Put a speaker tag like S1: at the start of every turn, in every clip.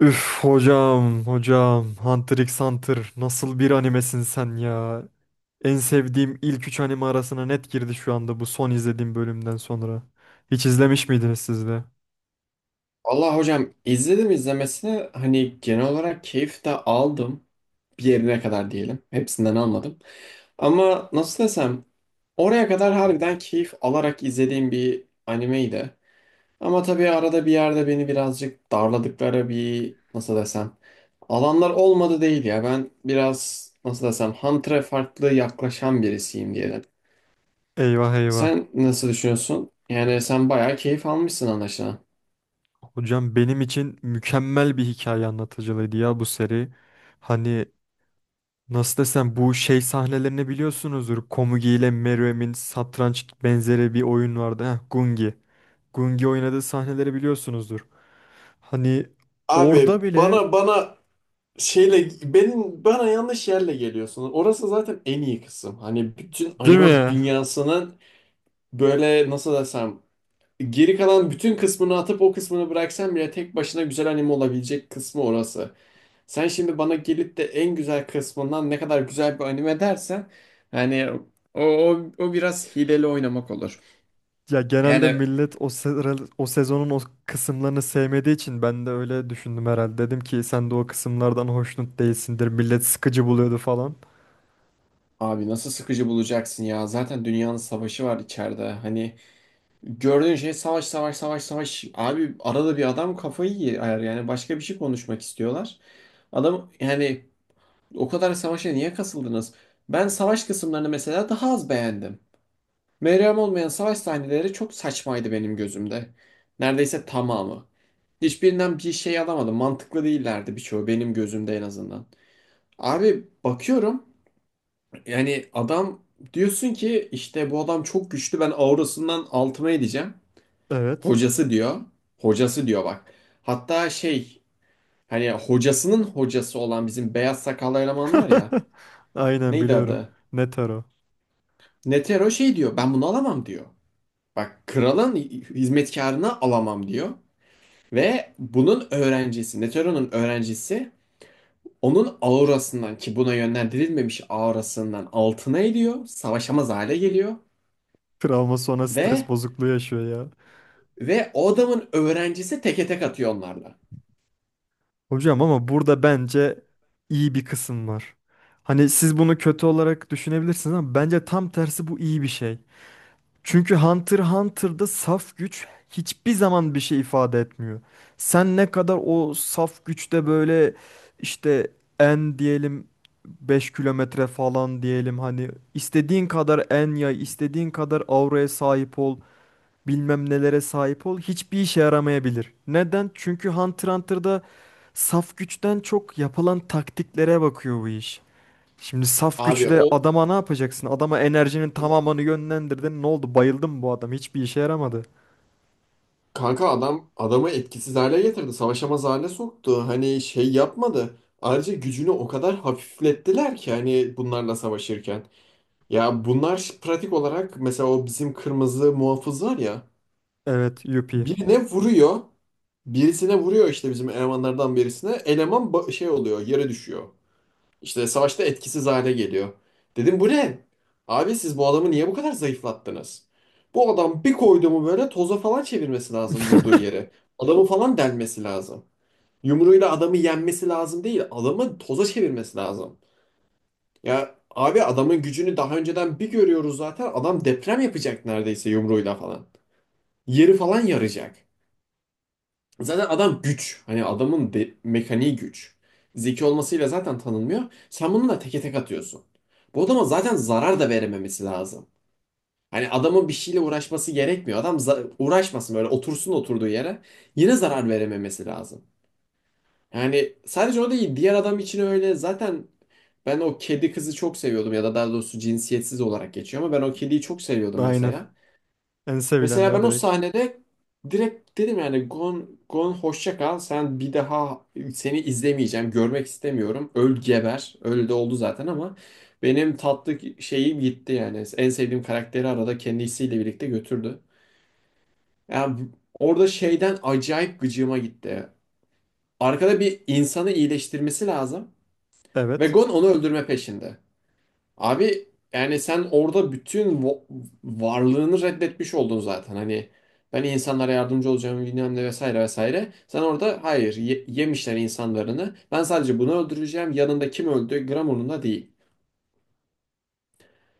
S1: Üf hocam Hunter x Hunter nasıl bir animesin sen ya. En sevdiğim ilk 3 anime arasına net girdi şu anda bu son izlediğim bölümden sonra. Hiç izlemiş miydiniz siz de?
S2: Allah hocam izledim izlemesine hani genel olarak keyif de aldım. Bir yerine kadar diyelim. Hepsinden almadım. Ama nasıl desem oraya kadar harbiden keyif alarak izlediğim bir animeydi. Ama tabii arada bir yerde beni birazcık darladıkları bir nasıl desem alanlar olmadı değil ya. Ben biraz nasıl desem Hunter'a farklı yaklaşan birisiyim diyelim.
S1: Eyvah eyvah.
S2: Sen nasıl düşünüyorsun? Yani sen bayağı keyif almışsın anlaşılan.
S1: Hocam benim için mükemmel bir hikaye anlatıcılığıydı ya bu seri. Hani nasıl desem bu şey sahnelerini biliyorsunuzdur. Komugi ile Meruem'in satranç benzeri bir oyun vardı. Heh, Gungi. Gungi oynadığı sahneleri biliyorsunuzdur. Hani
S2: Abi
S1: orada bile
S2: bana Şeyle benim bana yanlış yerle geliyorsunuz. Orası zaten en iyi kısım. Hani bütün
S1: değil
S2: anime
S1: mi?
S2: dünyasının böyle nasıl desem geri kalan bütün kısmını atıp o kısmını bıraksan bile tek başına güzel anime olabilecek kısmı orası. Sen şimdi bana gelip de en güzel kısmından ne kadar güzel bir anime dersen yani o biraz hileli oynamak olur.
S1: Ya genelde
S2: Yani
S1: millet o, o sezonun o kısımlarını sevmediği için ben de öyle düşündüm herhalde. Dedim ki sen de o kısımlardan hoşnut değilsindir. Millet sıkıcı buluyordu falan.
S2: abi nasıl sıkıcı bulacaksın ya zaten dünyanın savaşı var içeride hani gördüğün şey savaş savaş savaş savaş. Abi arada bir adam kafayı yer yani başka bir şey konuşmak istiyorlar. Adam yani o kadar savaşa niye kasıldınız? Ben savaş kısımlarını mesela daha az beğendim. Meryem olmayan savaş sahneleri çok saçmaydı benim gözümde. Neredeyse tamamı. Hiçbirinden bir şey alamadım. Mantıklı değillerdi birçoğu benim gözümde en azından. Abi bakıyorum yani adam diyorsun ki işte bu adam çok güçlü ben aurasından altıma edeceğim.
S1: Evet.
S2: Hocası diyor. Hocası diyor bak. Hatta şey hani hocasının hocası olan bizim beyaz sakallı eleman var ya.
S1: Aynen
S2: Neydi
S1: biliyorum.
S2: adı?
S1: Netaro.
S2: Netero şey diyor. Ben bunu alamam diyor. Bak kralın hizmetkarını alamam diyor. Ve bunun öğrencisi, Netero'nun öğrencisi onun aurasından ki buna yönlendirilmemiş aurasından altına ediyor. Savaşamaz hale geliyor.
S1: Travma sonra stres
S2: Ve
S1: bozukluğu yaşıyor ya.
S2: ve o adamın öğrencisi teke tek atıyor onlarla.
S1: Hocam ama burada bence iyi bir kısım var. Hani siz bunu kötü olarak düşünebilirsiniz ama bence tam tersi bu iyi bir şey. Çünkü Hunter x Hunter'da saf güç hiçbir zaman bir şey ifade etmiyor. Sen ne kadar o saf güçte böyle işte en diyelim 5 kilometre falan diyelim hani istediğin kadar en yay, istediğin kadar auraya sahip ol, bilmem nelere sahip ol hiçbir işe yaramayabilir. Neden? Çünkü Hunter x Hunter'da saf güçten çok yapılan taktiklere bakıyor bu iş. Şimdi saf
S2: Abi
S1: güçle
S2: o
S1: adama ne yapacaksın? Adama enerjinin tamamını yönlendirdin. Ne oldu? Bayıldım mı bu adam. Hiçbir işe yaramadı.
S2: kanka adam adamı etkisiz hale getirdi. Savaşamaz hale soktu. Hani şey yapmadı. Ayrıca gücünü o kadar hafiflettiler ki hani bunlarla savaşırken. Ya bunlar pratik olarak mesela o bizim kırmızı muhafız var ya.
S1: Evet, Yuppie.
S2: Birine vuruyor. Birisine vuruyor işte bizim elemanlardan birisine. Eleman şey oluyor yere düşüyor. İşte savaşta etkisiz hale geliyor. Dedim bu ne? Abi siz bu adamı niye bu kadar zayıflattınız? Bu adam bir koydu mu böyle toza falan çevirmesi lazım vurduğu yere. Adamı falan delmesi lazım. Yumruğuyla adamı yenmesi lazım değil. Adamı toza çevirmesi lazım. Ya abi adamın gücünü daha önceden bir görüyoruz zaten. Adam deprem yapacak neredeyse yumruğuyla falan. Yeri falan yaracak. Zaten adam güç. Hani adamın mekaniği güç. Zeki olmasıyla zaten tanınmıyor. Sen bunu da teke tek atıyorsun. Bu adama zaten zarar da verememesi lazım. Hani adamın bir şeyle uğraşması gerekmiyor. Adam uğraşmasın böyle otursun oturduğu yere. Yine zarar verememesi lazım. Yani sadece o değil. Diğer adam için öyle. Zaten ben o kedi kızı çok seviyordum ya da daha doğrusu cinsiyetsiz olarak geçiyor ama ben o kediyi çok seviyordum
S1: Aynen.
S2: mesela.
S1: En sevilen
S2: Mesela
S1: ya
S2: ben o
S1: direkt.
S2: sahnede direkt dedim yani Gon hoşça kal. Sen bir daha seni izlemeyeceğim. Görmek istemiyorum. Öl geber. Öyle de oldu zaten ama benim tatlı şeyim gitti yani. En sevdiğim karakteri arada kendisiyle birlikte götürdü. Yani orada şeyden acayip gıcığıma gitti. Arkada bir insanı iyileştirmesi lazım. Ve
S1: Evet.
S2: Gon onu öldürme peşinde. Abi yani sen orada bütün varlığını reddetmiş oldun zaten. Hani ben insanlara yardımcı olacağım bilmem ne vesaire vesaire. Sen orada hayır yemişler insanlarını. Ben sadece bunu öldüreceğim. Yanında kim öldü gram umurumda değil.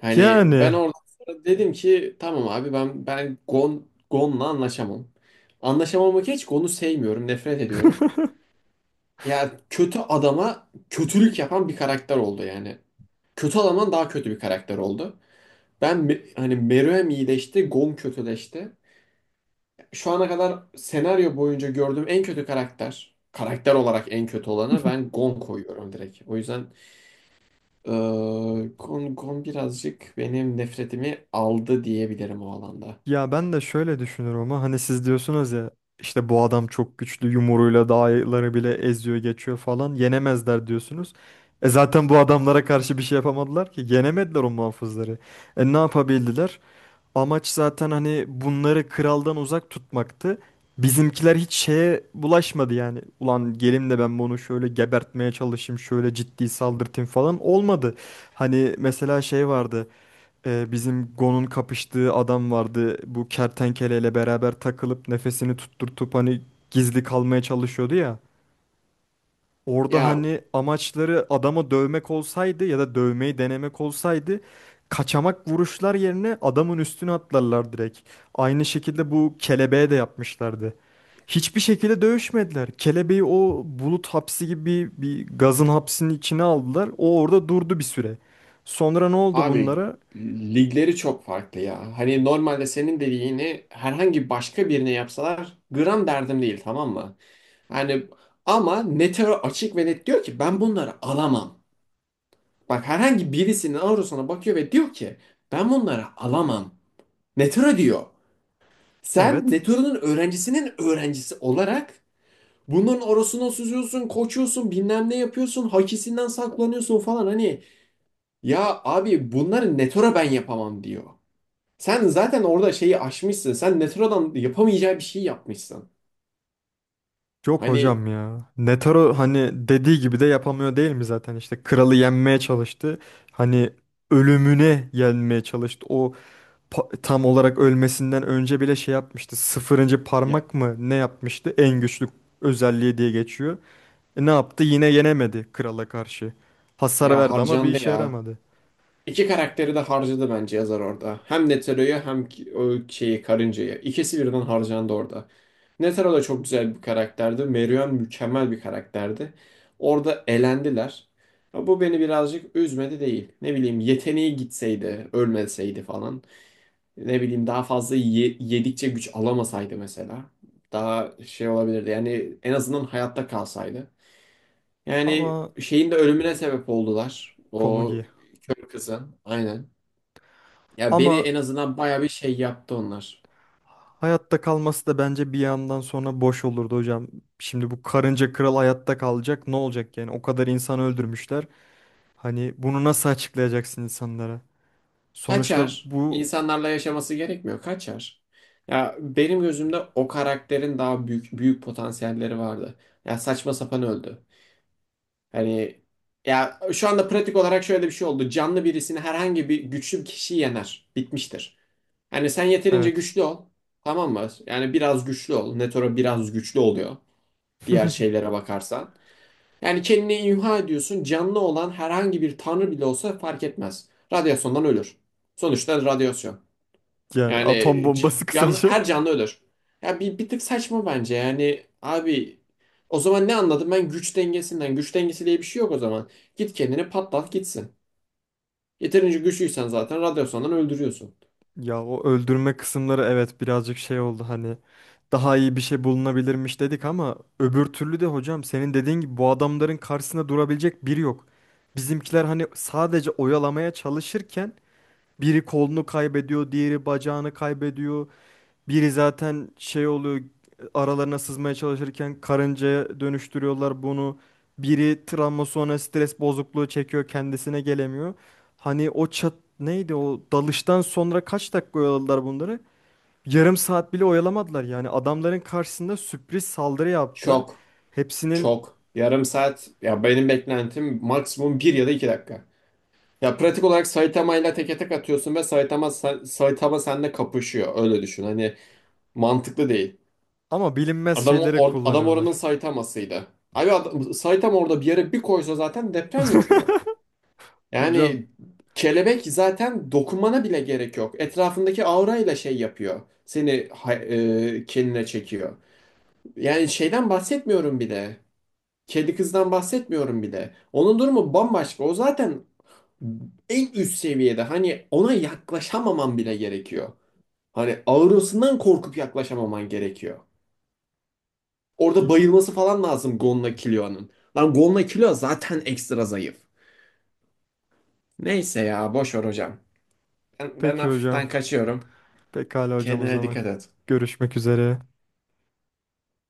S2: Hani ben
S1: Yani.
S2: orada sonra dedim ki tamam abi ben Gon'la anlaşamam. Anlaşamamak hiç Gon'u sevmiyorum, nefret ediyorum. Ya kötü adama kötülük yapan bir karakter oldu yani. Kötü adamdan daha kötü bir karakter oldu. Ben hani Meruem iyileşti, Gon kötüleşti. Şu ana kadar senaryo boyunca gördüğüm en kötü karakter, karakter olarak en kötü olanı ben Gon koyuyorum direkt. O yüzden eee, Gon birazcık benim nefretimi aldı diyebilirim o alanda.
S1: Ya ben de şöyle düşünüyorum ama hani siz diyorsunuz ya işte bu adam çok güçlü yumruğuyla dağları bile eziyor geçiyor falan yenemezler diyorsunuz. E zaten bu adamlara karşı bir şey yapamadılar ki yenemediler o muhafızları. E ne yapabildiler? Amaç zaten hani bunları kraldan uzak tutmaktı. Bizimkiler hiç şeye bulaşmadı yani. Ulan gelim de ben bunu şöyle gebertmeye çalışayım, şöyle ciddi saldırtayım falan olmadı. Hani mesela şey vardı. Bizim Gon'un kapıştığı adam vardı. Bu kertenkeleyle beraber takılıp nefesini tutturtup hani gizli kalmaya çalışıyordu ya. Orada
S2: Ya
S1: hani amaçları adama dövmek olsaydı ya da dövmeyi denemek olsaydı kaçamak vuruşlar yerine adamın üstüne atlarlar direkt. Aynı şekilde bu kelebeğe de yapmışlardı. Hiçbir şekilde dövüşmediler. Kelebeği o bulut hapsi gibi bir gazın hapsinin içine aldılar. O orada durdu bir süre. Sonra ne oldu
S2: abi
S1: bunlara?
S2: ligleri çok farklı ya. Hani normalde senin dediğini herhangi başka birine yapsalar gram derdim değil tamam mı? Yani ama Netero açık ve net diyor ki ben bunları alamam. Bak herhangi birisinin Auros'una bakıyor ve diyor ki ben bunları alamam. Netero diyor. Sen
S1: Evet.
S2: Netero'nun öğrencisinin öğrencisi olarak bunların orasına süzüyorsun, koçuyorsun, bilmem ne yapıyorsun, hakisinden saklanıyorsun falan hani. Ya abi bunları Netero ben yapamam diyor. Sen zaten orada şeyi aşmışsın. Sen Netero'dan yapamayacağı bir şey yapmışsın.
S1: Yok
S2: Hani
S1: hocam ya. Netaro hani dediği gibi de yapamıyor değil mi zaten? İşte kralı yenmeye çalıştı. Hani ölümüne yenmeye çalıştı. O tam olarak ölmesinden önce bile şey yapmıştı. 0.
S2: ya,
S1: parmak mı ne yapmıştı? En güçlü özelliği diye geçiyor. E ne yaptı? Yine yenemedi krala karşı. Hasar
S2: ya
S1: verdi ama bir
S2: harcandı
S1: işe
S2: ya.
S1: yaramadı.
S2: İki karakteri de harcadı bence yazar orada. Hem Netero'yu hem o şeyi karıncayı. İkisi birden harcandı orada. Netero da çok güzel bir karakterdi. Merion mükemmel bir karakterdi. Orada elendiler. Ya bu beni birazcık üzmedi değil. Ne bileyim yeteneği gitseydi, ölmeseydi falan. Ne bileyim daha fazla yedikçe güç alamasaydı mesela. Daha şey olabilirdi. Yani en azından hayatta kalsaydı. Yani
S1: Ama
S2: şeyin de ölümüne sebep oldular.
S1: Komugi.
S2: O kör kızın. Aynen. Ya beni
S1: Ama
S2: en azından baya bir şey yaptı onlar.
S1: hayatta kalması da bence bir yandan sonra boş olurdu hocam. Şimdi bu karınca kral hayatta kalacak ne olacak yani? O kadar insan öldürmüşler. Hani bunu nasıl açıklayacaksın insanlara? Sonuçta
S2: Kaçar.
S1: bu
S2: İnsanlarla yaşaması gerekmiyor. Kaçar. Ya benim gözümde o karakterin daha büyük potansiyelleri vardı. Ya saçma sapan öldü. Hani ya şu anda pratik olarak şöyle bir şey oldu. Canlı birisini herhangi bir güçlü bir kişi yener. Bitmiştir. Yani sen yeterince
S1: evet.
S2: güçlü ol. Tamam mı? Yani biraz güçlü ol. Netoro biraz güçlü oluyor. Diğer şeylere bakarsan. Yani kendini imha ediyorsun. Canlı olan herhangi bir tanrı bile olsa fark etmez. Radyasyondan ölür. Sonuçta radyasyon.
S1: Yani
S2: Yani
S1: atom bombası
S2: canlı,
S1: kısaca.
S2: her canlı ölür. Ya bir tık saçma bence. Yani abi o zaman ne anladım ben güç dengesinden. Güç dengesi diye bir şey yok o zaman. Git kendini patlat gitsin. Yeterince güçlüysen zaten radyasyondan öldürüyorsun.
S1: Ya o öldürme kısımları evet birazcık şey oldu hani daha iyi bir şey bulunabilirmiş dedik ama öbür türlü de hocam senin dediğin gibi bu adamların karşısında durabilecek biri yok. Bizimkiler hani sadece oyalamaya çalışırken biri kolunu kaybediyor, diğeri bacağını kaybediyor. Biri zaten şey oluyor, aralarına sızmaya çalışırken karıncaya dönüştürüyorlar bunu. Biri travma sonra stres bozukluğu çekiyor, kendisine gelemiyor. Hani o çat neydi o dalıştan sonra kaç dakika oyaladılar bunları? Yarım saat bile oyalamadılar yani adamların karşısında sürpriz saldırı yaptılar.
S2: Çok,
S1: Hepsinin
S2: çok. Yarım saat. Ya benim beklentim maksimum bir ya da 2 dakika. Ya pratik olarak Saitama ile teke tek atıyorsun ve Saitama seninle kapışıyor. Öyle düşün. Hani mantıklı değil.
S1: ama bilinmez
S2: Adam
S1: şeyleri
S2: adam oranın
S1: kullanıyorlar.
S2: Saitamasıydı. Abi adam, Saitama orada bir yere bir koysa zaten deprem yapıyor.
S1: Hocam
S2: Yani kelebek zaten dokunmana bile gerek yok. Etrafındaki aura ile şey yapıyor. Seni kendine çekiyor. Yani şeyden bahsetmiyorum bile. Kedi kızdan bahsetmiyorum bile. Onun durumu bambaşka. O zaten en üst seviyede hani ona yaklaşamaman bile gerekiyor. Hani ağrısından korkup yaklaşamaman gerekiyor. Orada bayılması falan lazım Gonla Killua'nın. Lan Gonla Killua zaten ekstra zayıf. Neyse ya boş ver hocam. Ben
S1: peki
S2: hafiften
S1: hocam.
S2: kaçıyorum.
S1: Pekala hocam o
S2: Kendine
S1: zaman.
S2: dikkat et.
S1: Görüşmek üzere.